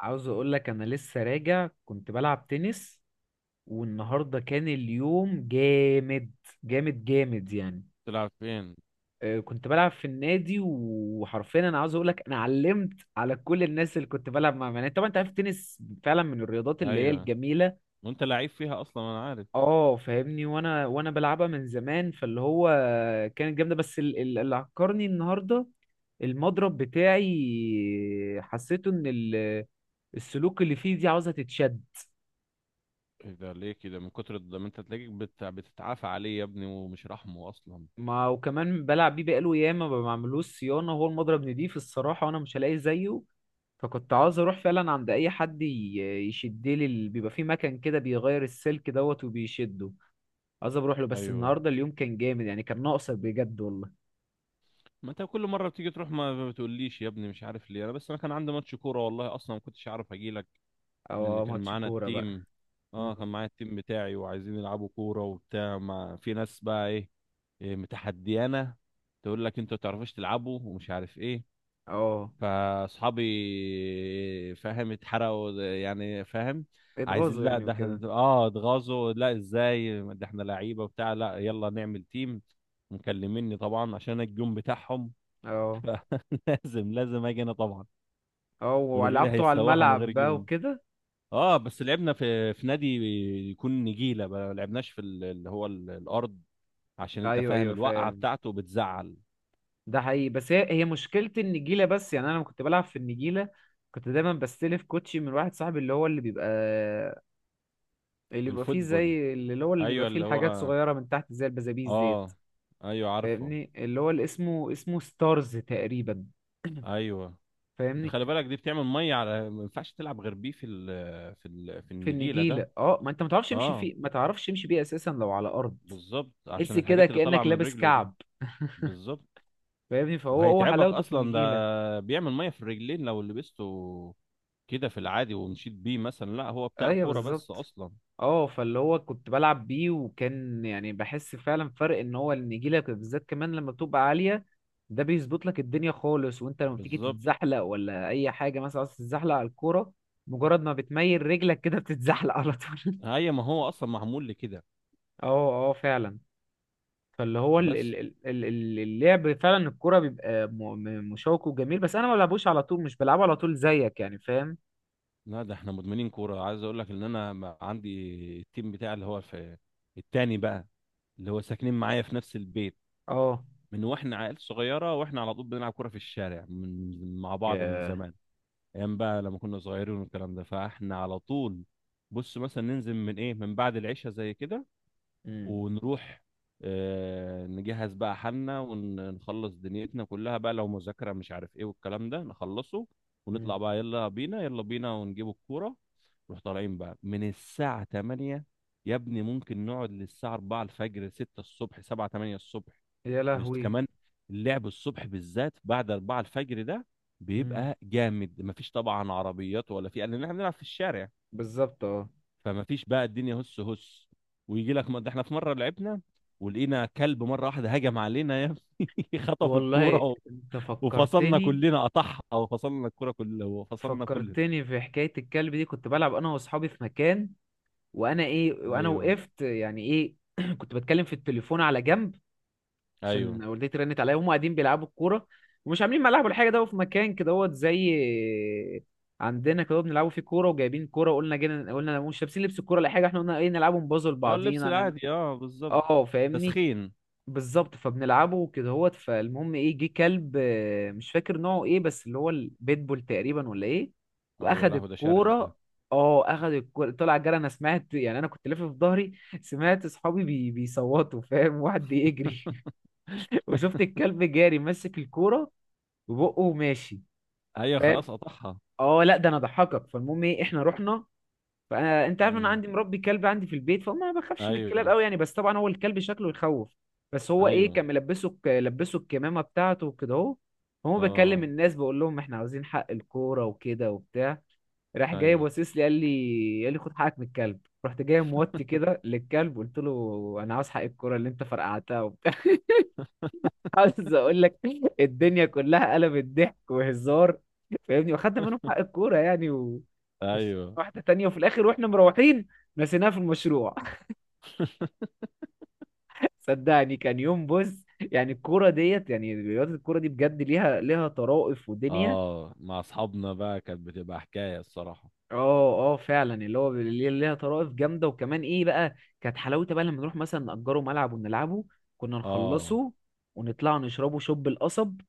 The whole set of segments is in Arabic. عاوز اقول لك انا لسه راجع، كنت بلعب تنس. والنهارده كان اليوم جامد. جامد جامد يعني. تلعب فين؟ كنت بلعب في النادي، وحرفيا انا عاوز اقول لك انا علمت على كل الناس اللي كنت بلعب معاهم. يعني طبعا انت عارف التنس فعلا من الرياضات اللي هي ايوه، الجميله. وانت لعيب فيها اصلا، انا عارف. اه فاهمني. وانا بلعبها من زمان، فاللي هو كانت جامده. بس اللي عكرني النهارده، المضرب بتاعي حسيته ان السلوك اللي فيه دي عاوزه تتشد. ايه ده ليه كده؟ من كتر ده ما انت تلاقيك بتتعافى عليه يا ابني ومش رحمه اصلا. ما وكمان بلعب بيه بقاله ياما، ما بعملوش صيانة. هو المضرب نضيف الصراحة، وأنا مش هلاقي زيه. فكنت عاوز أروح فعلا عند أي حد يشدلي بيبقى في مكان كده بيغير السلك دوت وبيشده. عاوز أروح له، بس ايوه، النهاردة اليوم كان جامد يعني. كان ناقصك بجد والله. ما انت كل مره بتيجي تروح ما بتقوليش يا ابني، مش عارف ليه. انا بس انا كان عندي ماتش كوره، والله اصلا ما كنتش عارف اجي لك. لان اه، كان ماتش معانا كورة بقى. التيم. مم. اه كان معايا التيم بتاعي وعايزين يلعبوا كوره وبتاع، ما في ناس بقى إيه متحديانه، تقول لك انتوا ما تعرفوش تلعبوا ومش عارف ايه. اه، فاصحابي فاهم اتحرقوا يعني، فاهم. عايزين، اتغاظوا لا يعني ده احنا، وكده. اه، اتغاظوا، لا ازاي ده احنا لعيبه وبتاع، لا يلا نعمل تيم. مكلميني طبعا عشان أنا الجون بتاعهم. اه لازم لازم اجي انا طبعا، اه، من غيري ولعبته على هيتسوحوا من غير الملعب بقى جون. وكده. اه بس لعبنا في نادي يكون نجيله، ما لعبناش في اللي هو الارض، عشان انت ايوه فاهم ايوه، الوقعه فاهم. بتاعته بتزعل. ده حقيقي، بس هي مشكلة النجيلة بس. يعني أنا لما كنت بلعب في النجيلة، كنت دايما بستلف كوتشي من واحد صاحبي، اللي هو اللي بيبقى فيه الفوتبول، زي اللي بيبقى ايوه فيه اللي الحاجات هو، صغيرة من تحت، زي البزابيز ديت. اه، ايوه عارفه. فاهمني، اللي هو اللي اسمه ستارز تقريبا. ايوه فاهمني. خلي بالك دي بتعمل ميه، على ما ينفعش تلعب غير بيه في في النجيله النجيلة ده. اه، ما انت ما تعرفش تمشي اه فيه، ما تعرفش تمشي بيه أساسا لو على أرض. بالظبط تحس عشان كده الحاجات اللي طالعه كأنك من لابس رجله دي. كعب. بالظبط، فاهمني. فهو وهيتعبك حلاوته في اصلا، النجيلة. ده بيعمل ميه في الرجلين لو لبسته كده في العادي ومشيت بيه مثلا، لا هو بتاع ايوه كوره بس بالظبط. اصلا. اه، فاللي هو كنت بلعب بيه وكان يعني بحس فعلا فرق ان هو النجيله بالذات كمان لما بتبقى عاليه، ده بيظبط لك الدنيا خالص. وانت لما بتيجي بالظبط، تتزحلق ولا اي حاجه، مثلا عايز تتزحلق على الكوره، مجرد ما بتميل رجلك كده بتتزحلق على طول. هي ما هو اصلا معمول لكده. اه اه فعلا. فاللي هو بس اللعب فعلا الكوره بيبقى مشوق وجميل. بس انا ما بلعبوش على طول، مش بلعبه على طول زيك يعني، فاهم. لا ده احنا مدمنين كوره، عايز اقول لك ان انا عندي التيم بتاعي اللي هو في التاني بقى، اللي هو ساكنين معايا في نفس البيت، اه. من واحنا عيال صغيره واحنا على طول بنلعب كوره في الشارع من مع بعض من ياه. زمان، ايام بقى لما كنا صغيرين والكلام ده. فاحنا على طول بص مثلا ننزل من ايه من بعد العشاء زي كده امم ونروح، نجهز بقى حالنا ونخلص دنيتنا كلها بقى، لو مذاكره مش عارف ايه والكلام ده، نخلصه ونطلع امم بقى، يلا بينا يلا بينا، ونجيب الكوره. نروح طالعين بقى من الساعه 8، يا ابني ممكن نقعد للساعه 4 الفجر، 6 الصبح، 7، 8 الصبح. يا لهوي. كمان اللعب الصبح بالذات بعد 4 الفجر ده امم بيبقى جامد، مفيش طبعا عربيات ولا في، لان احنا بنلعب في الشارع، بالظبط اه. فمفيش بقى الدنيا هس هس. ويجي لك ده احنا في مره لعبنا ولقينا كلب مره واحده هجم علينا يا ابني، خطف الكوره والله انت وفصلنا فكرتني. كلنا قطعها وفصلنا الكوره كلها وفصلنا كلنا. فكرتني في حكاية الكلب دي. كنت بلعب انا واصحابي في مكان، وانا ايه وانا ايوه، وقفت يعني ايه كنت بتكلم في التليفون على جنب ايوه. عشان والدتي رنت عليا. وهم قاعدين بيلعبوا الكورة ومش عاملين ملعب ولا حاجة. ده في مكان كده هو زي عندنا كده بنلعبوا فيه كورة. وجايبين كورة وقلنا جينا قلنا مش لابسين لبس الكورة ولا حاجة. احنا قلنا ايه، نلعبوا نبازل اه اللبس بعضينا نعمل. العادي، اه بالظبط، اه فاهمني. تسخين. بالظبط، فبنلعبه كده هوت. فالمهم ايه، جه كلب. آه، مش فاكر نوعه ايه، بس اللي هو البيتبول تقريبا ولا ايه. اه يا واخد لهوي، ده شرس ده. الكوره. اه اخد الكوره، طلع جري. انا سمعت، يعني انا كنت لافف في ظهري، سمعت اصحابي بيصوتوا. فاهم، واحد بيجري. وشفت الكلب جاري ماسك الكوره وبقه ماشي. ايوه فاهم. خلاص قطعها. اه لا ده انا ضحكك. فالمهم ايه، احنا رحنا. فانا انت عارف انا مم. عندي مربي كلب عندي في البيت، فما بخافش من الكلاب ايوه، قوي يعني. بس طبعا هو الكلب شكله يخوف. بس هو ايه، ايوه، كان لبسه الكمامه بتاعته وكده اهو. هو بكلم اه، الناس بقول لهم احنا عاوزين حق الكوره وكده وبتاع. راح جاي ايوه، باصص لي قال لي خد حقك من الكلب. رحت جاي موطي كده للكلب، قلت له انا عاوز حق الكوره اللي انت فرقعتها. عاوز اقول لك، الدنيا كلها قلبت ضحك وهزار. فاهمني، واخدنا منهم حق الكوره يعني. و... ايوه، واحده تانية. وفي الاخر واحنا مروحين نسيناها في المشروع. صدقني كان يوم. بص يعني الكوره ديت، يعني رياضه الكوره دي بجد ليها طرائف ودنيا. اه، مع اصحابنا بقى كانت بتبقى حكايه الصراحه. اه اه فعلا، اللي هو اللي ليها طرائف جامده. وكمان ايه بقى، كانت حلاوتها بقى لما نروح مثلا نأجره ملعب ونلعبه. كنا اه، نخلصه ونطلع نشربه شوب القصب.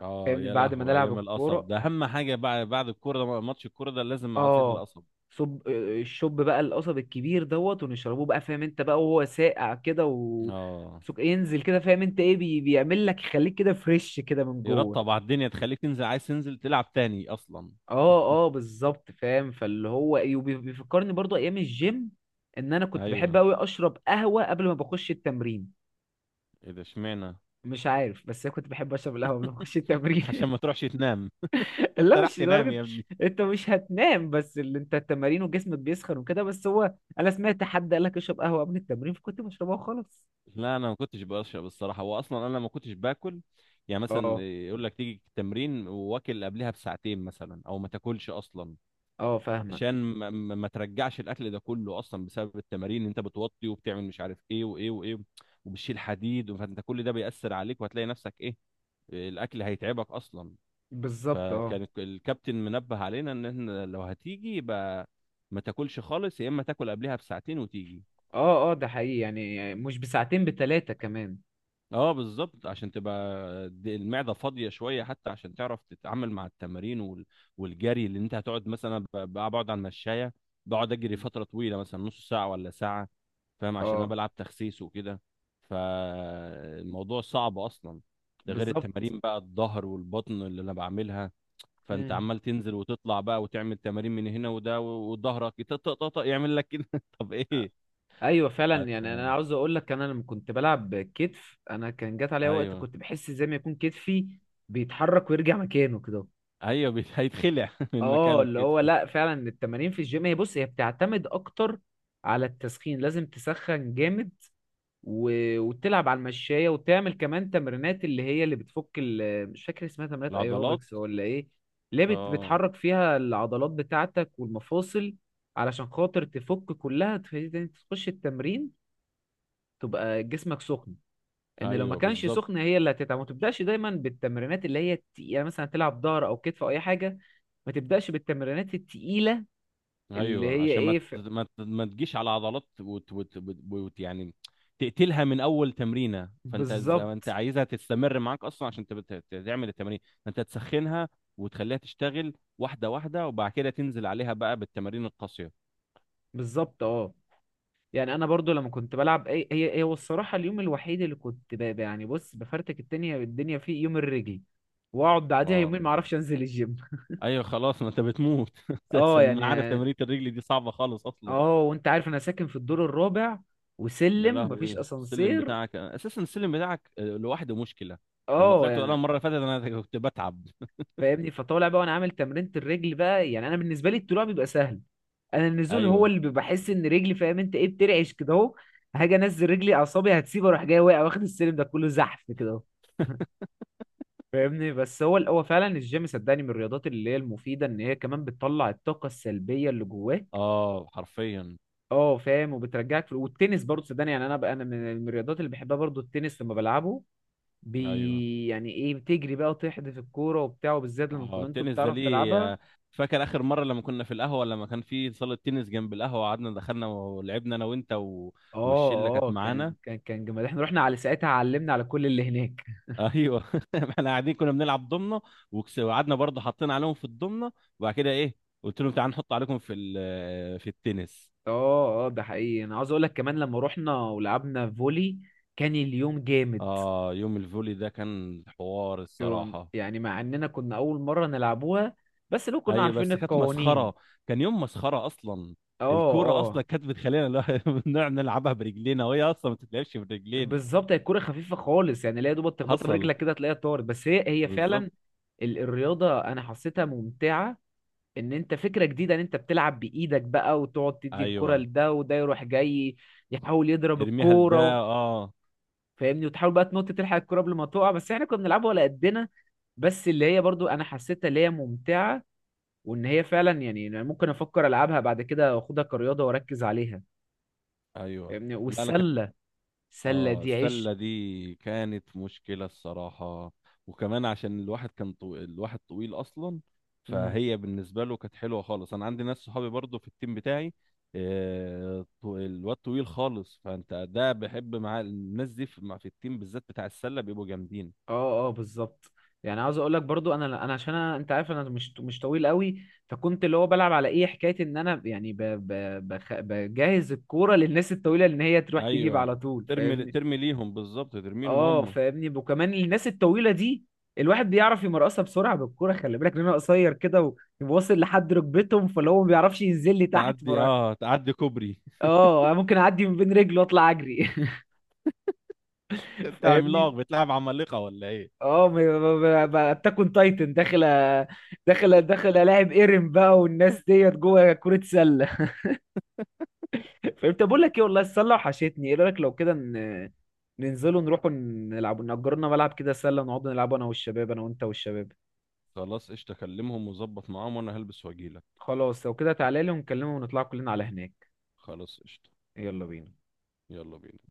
اه فاهمني، يا بعد ما لهوي، نلعب ايام القصب الكوره ده اهم حاجه بقى بعد الكوره، ده ماتش الكوره ده لازم عصير اه. القصب. صب الشوب بقى القصب الكبير دوت، ونشربوه بقى فاهم انت بقى. وهو ساقع كده و اه ينزل كده، فاهم انت ايه، بيعمل لك يخليك كده فريش كده من جوه. يرطب على الدنيا، تخليك تنزل، عايز تنزل تلعب تاني اصلا. اه اه بالظبط فاهم. فاللي هو ايه، بيفكرني برضو ايام الجيم ان انا كنت بحب ايوه، قوي اشرب قهوة قبل ما بخش التمرين. ايه ده اشمعنى؟ مش عارف، بس انا كنت بحب اشرب القهوة قبل ما اخش عشان التمرين. ما تروحش تنام. لا انت راح مش تنام لدرجة. يا ابني. انت مش هتنام بس اللي انت التمارين وجسمك بيسخن وكده. بس هو انا سمعت حد قال لك اشرب قهوة قبل التمرين، فكنت بشربها وخلاص. لا انا ما كنتش بشرب الصراحه، واصلا انا ما كنتش باكل، يعني مثلا اه يقول لك تيجي التمرين واكل قبلها بساعتين مثلا او ما تاكلش اصلا، اه عشان فاهمك. ما ترجعش الاكل ده كله، اصلا بسبب التمارين اللي انت بتوطي وبتعمل مش عارف ايه وايه وايه، وبتشيل حديد، فانت كل ده بيأثر عليك وهتلاقي نفسك ايه، الاكل هيتعبك اصلا. بالظبط اه. فكان الكابتن منبه علينا ان احنا لو هتيجي يبقى ما تاكلش خالص، يا اما تاكل قبلها بساعتين وتيجي. اه اه ده حقيقي، يعني مش بساعتين، بتلاتة كمان. اه بالظبط، عشان تبقى المعده فاضيه شويه، حتى عشان تعرف تتعامل مع التمارين والجري اللي انت هتقعد مثلا بقعد على المشايه، بقعد اجري فتره طويله مثلا نص ساعه ولا ساعه، فاهم، عشان انا اه بلعب تخسيس وكده، فالموضوع صعب اصلا، ده غير بالظبط. التمارين بقى الظهر والبطن اللي انا بعملها. فانت امم عمال تنزل وتطلع بقى وتعمل تمارين من هنا وده، وظهرك طق يعمل لك كده. طب ايه؟ ايوه فعلا، يعني انا فأنت- عاوز اقول لك، انا لما كنت بلعب كتف انا كان جات عليا وقت ايوه، كنت بحس زي ما يكون كتفي بيتحرك ويرجع مكانه كده. ايوه، هيتخلع من اه، مكانه اللي هو الكتف. لا فعلا التمارين في الجيم هي بص هي بتعتمد اكتر على التسخين. لازم تسخن جامد و... وتلعب على المشاية وتعمل كمان تمرينات اللي هي اللي بتفك ال... مش فاكر اسمها، تمرينات العضلات. ايروبكس ولا ايه. اللي هي بت... اه، بتحرك فيها العضلات بتاعتك والمفاصل، علشان خاطر تفك كلها تخلي تخش التمرين تبقى جسمك سخن. ان لو ما ايوه كانش بالظبط. سخن هي اللي هتتعب. ما تبداش دايما بالتمرينات اللي هي التقيله، مثلا تلعب ظهر او كتف او اي حاجه. ما تبداش بالتمرينات التقيله اللي ايوه هي عشان ايه ف... ما تجيش على عضلات، وت وت وت وت يعني تقتلها من اول تمرينه، فانت ز- انت بالظبط. عايزها تستمر معاك اصلا، عشان تعمل التمارين، فانت تسخنها وتخليها تشتغل واحده واحده، وبعد كده تنزل عليها بقى بالتمارين القاسيه. بالظبط اه. يعني انا برضو لما كنت بلعب اي هي هو الصراحه، اليوم الوحيد اللي كنت ب... يعني بص بفرتك الدنيا فيه يوم الرجل. واقعد بعديها اه يومين ما اعرفش انزل الجيم. ايوه، خلاص ما انت بتموت اه اساسا، انا عارف يعني. تمارين الرجل دي صعبه خالص اصلا. اه، وانت عارف انا ساكن في الدور الرابع يا وسلم مفيش لهوي السلم اسانسير. بتاعك، اساسا السلم بتاعك لوحده مشكله، لما اه طلعت انا يعني. المره اللي فاتت انا كنت بتعب. فاهمني، فطالع بقى وانا عامل تمرينة الرجل بقى. يعني انا بالنسبه لي الطلوع بيبقى سهل، انا النزول هو ايوه، اللي بحس ان رجلي فاهم انت ايه بترعش كده اهو. هاجي انزل رجلي اعصابي هتسيب، اروح جاي واقع، واخد السلم ده كله زحف كده اهو. فاهمني. بس هو فعلا الجيم صدقني من الرياضات اللي هي المفيده ان هي كمان بتطلع الطاقه السلبيه اللي جواك. اه حرفيا. اه فاهم. وبترجعك في... والتنس برضه صدقني، يعني انا بقى انا من الرياضات اللي بحبها برضه التنس. لما بلعبه ايوه، بي يعني ايه، بتجري بقى وتحدف الكوره وبتاع. وبالذات لما اه كنت انتوا التنس ده بتعرف ليه؟ تلعبها. فاكر اخر مره لما كنا في القهوه لما كان في صاله تنس جنب القهوه، قعدنا دخلنا ولعبنا انا وانت والشله اه كانت اه، كان معانا. كان كان جمال احنا رحنا على ساعتها علمنا على كل اللي هناك. ايوه احنا قاعدين كنا بنلعب ضمنه، وقعدنا برضه حطينا عليهم في الضمنه، وبعد كده ايه قلت لهم تعالوا نحط عليكم في التنس. اه اه ده حقيقي. انا عاوز اقول لك كمان لما رحنا ولعبنا فولي كان اليوم جامد. اه يوم الفولي ده كان حوار الصراحه. يعني مع اننا كنا اول مره نلعبوها، بس لو كنا هي عارفين بس كانت القوانين. مسخره، كان يوم مسخره اصلا، اه الكوره اه اصلا كانت بتخلينا نقعد نلعبها برجلينا وهي اصلا ما بتتلعبش برجلين. بالظبط، هي الكوره خفيفه خالص يعني. لا يا دوبك تخبطها حصل، برجلك كده تلاقيها طارت. بس هي بالظبط. فعلا الرياضه انا حسيتها ممتعه. ان انت فكره جديده ان انت بتلعب بايدك بقى وتقعد تدي الكوره ايوه، لده وده يروح جاي يحاول يضرب ارميها لده، الكوره. اه. فاهمني، وتحاول بقى تنط تلحق الكرة قبل ما تقع. بس احنا كنا بنلعبها ولا قدنا. بس اللي هي برضو انا حسيتها اللي هي ممتعة، وان هي فعلا، يعني أنا ممكن افكر العبها بعد كده واخدها كرياضة واركز عليها. ايوه فاهمني لا انا كان، والسلة. السلة اه دي عيش. السله دي كانت مشكله الصراحه، وكمان عشان الواحد كان الواحد طويل اصلا، مم. فهي بالنسبه له كانت حلوه خالص. انا عندي ناس صحابي برضو في التيم بتاعي، الواد طويل خالص، فانت ده بحب مع الناس دي في التيم بالذات بتاع السله بيبقوا جامدين. اه اه بالظبط. يعني عاوز اقول لك برضو انا عشان أنا انت عارف انا مش طويل قوي. فكنت اللي هو بلعب على ايه حكاية ان انا يعني بجهز الكورة للناس الطويلة ان هي تروح تجيب على ايوه، طول ترمي فاهمني. ترمي ليهم، بالظبط ترمي لهم اه هم. فاهمني، وكمان الناس الطويله دي الواحد بيعرف يمرقصها بسرعه بالكوره، خلي بالك لان انا قصير كده وواصل لحد ركبتهم. فاللي هو ما بيعرفش ينزل لي تحت تعدي فرا. اه تعدي كوبري، اه ممكن اعدي من بين رجله واطلع اجري. بتاع فاهمني. عملاق بتلعب عمالقة ولا ايه. اه. بتكون تايتن داخل داخل الاعب ايرن بقى والناس ديت جوه كرة سلة. فانت بقول لك ايه، والله السلة وحشتني. ايه رأيك لو كده ننزلوا نروحوا نلعبوا نأجرنا ملعب كده سلة نقعد نلعبوا انا والشباب، انا وانت والشباب. خلاص قشطة، كلمهم وظبط معاهم وانا هلبس واجيلك. خلاص لو كده تعالى لي ونكلمه ونطلع كلنا على هناك. خلاص قشطة. يلا بينا. يلا بينا.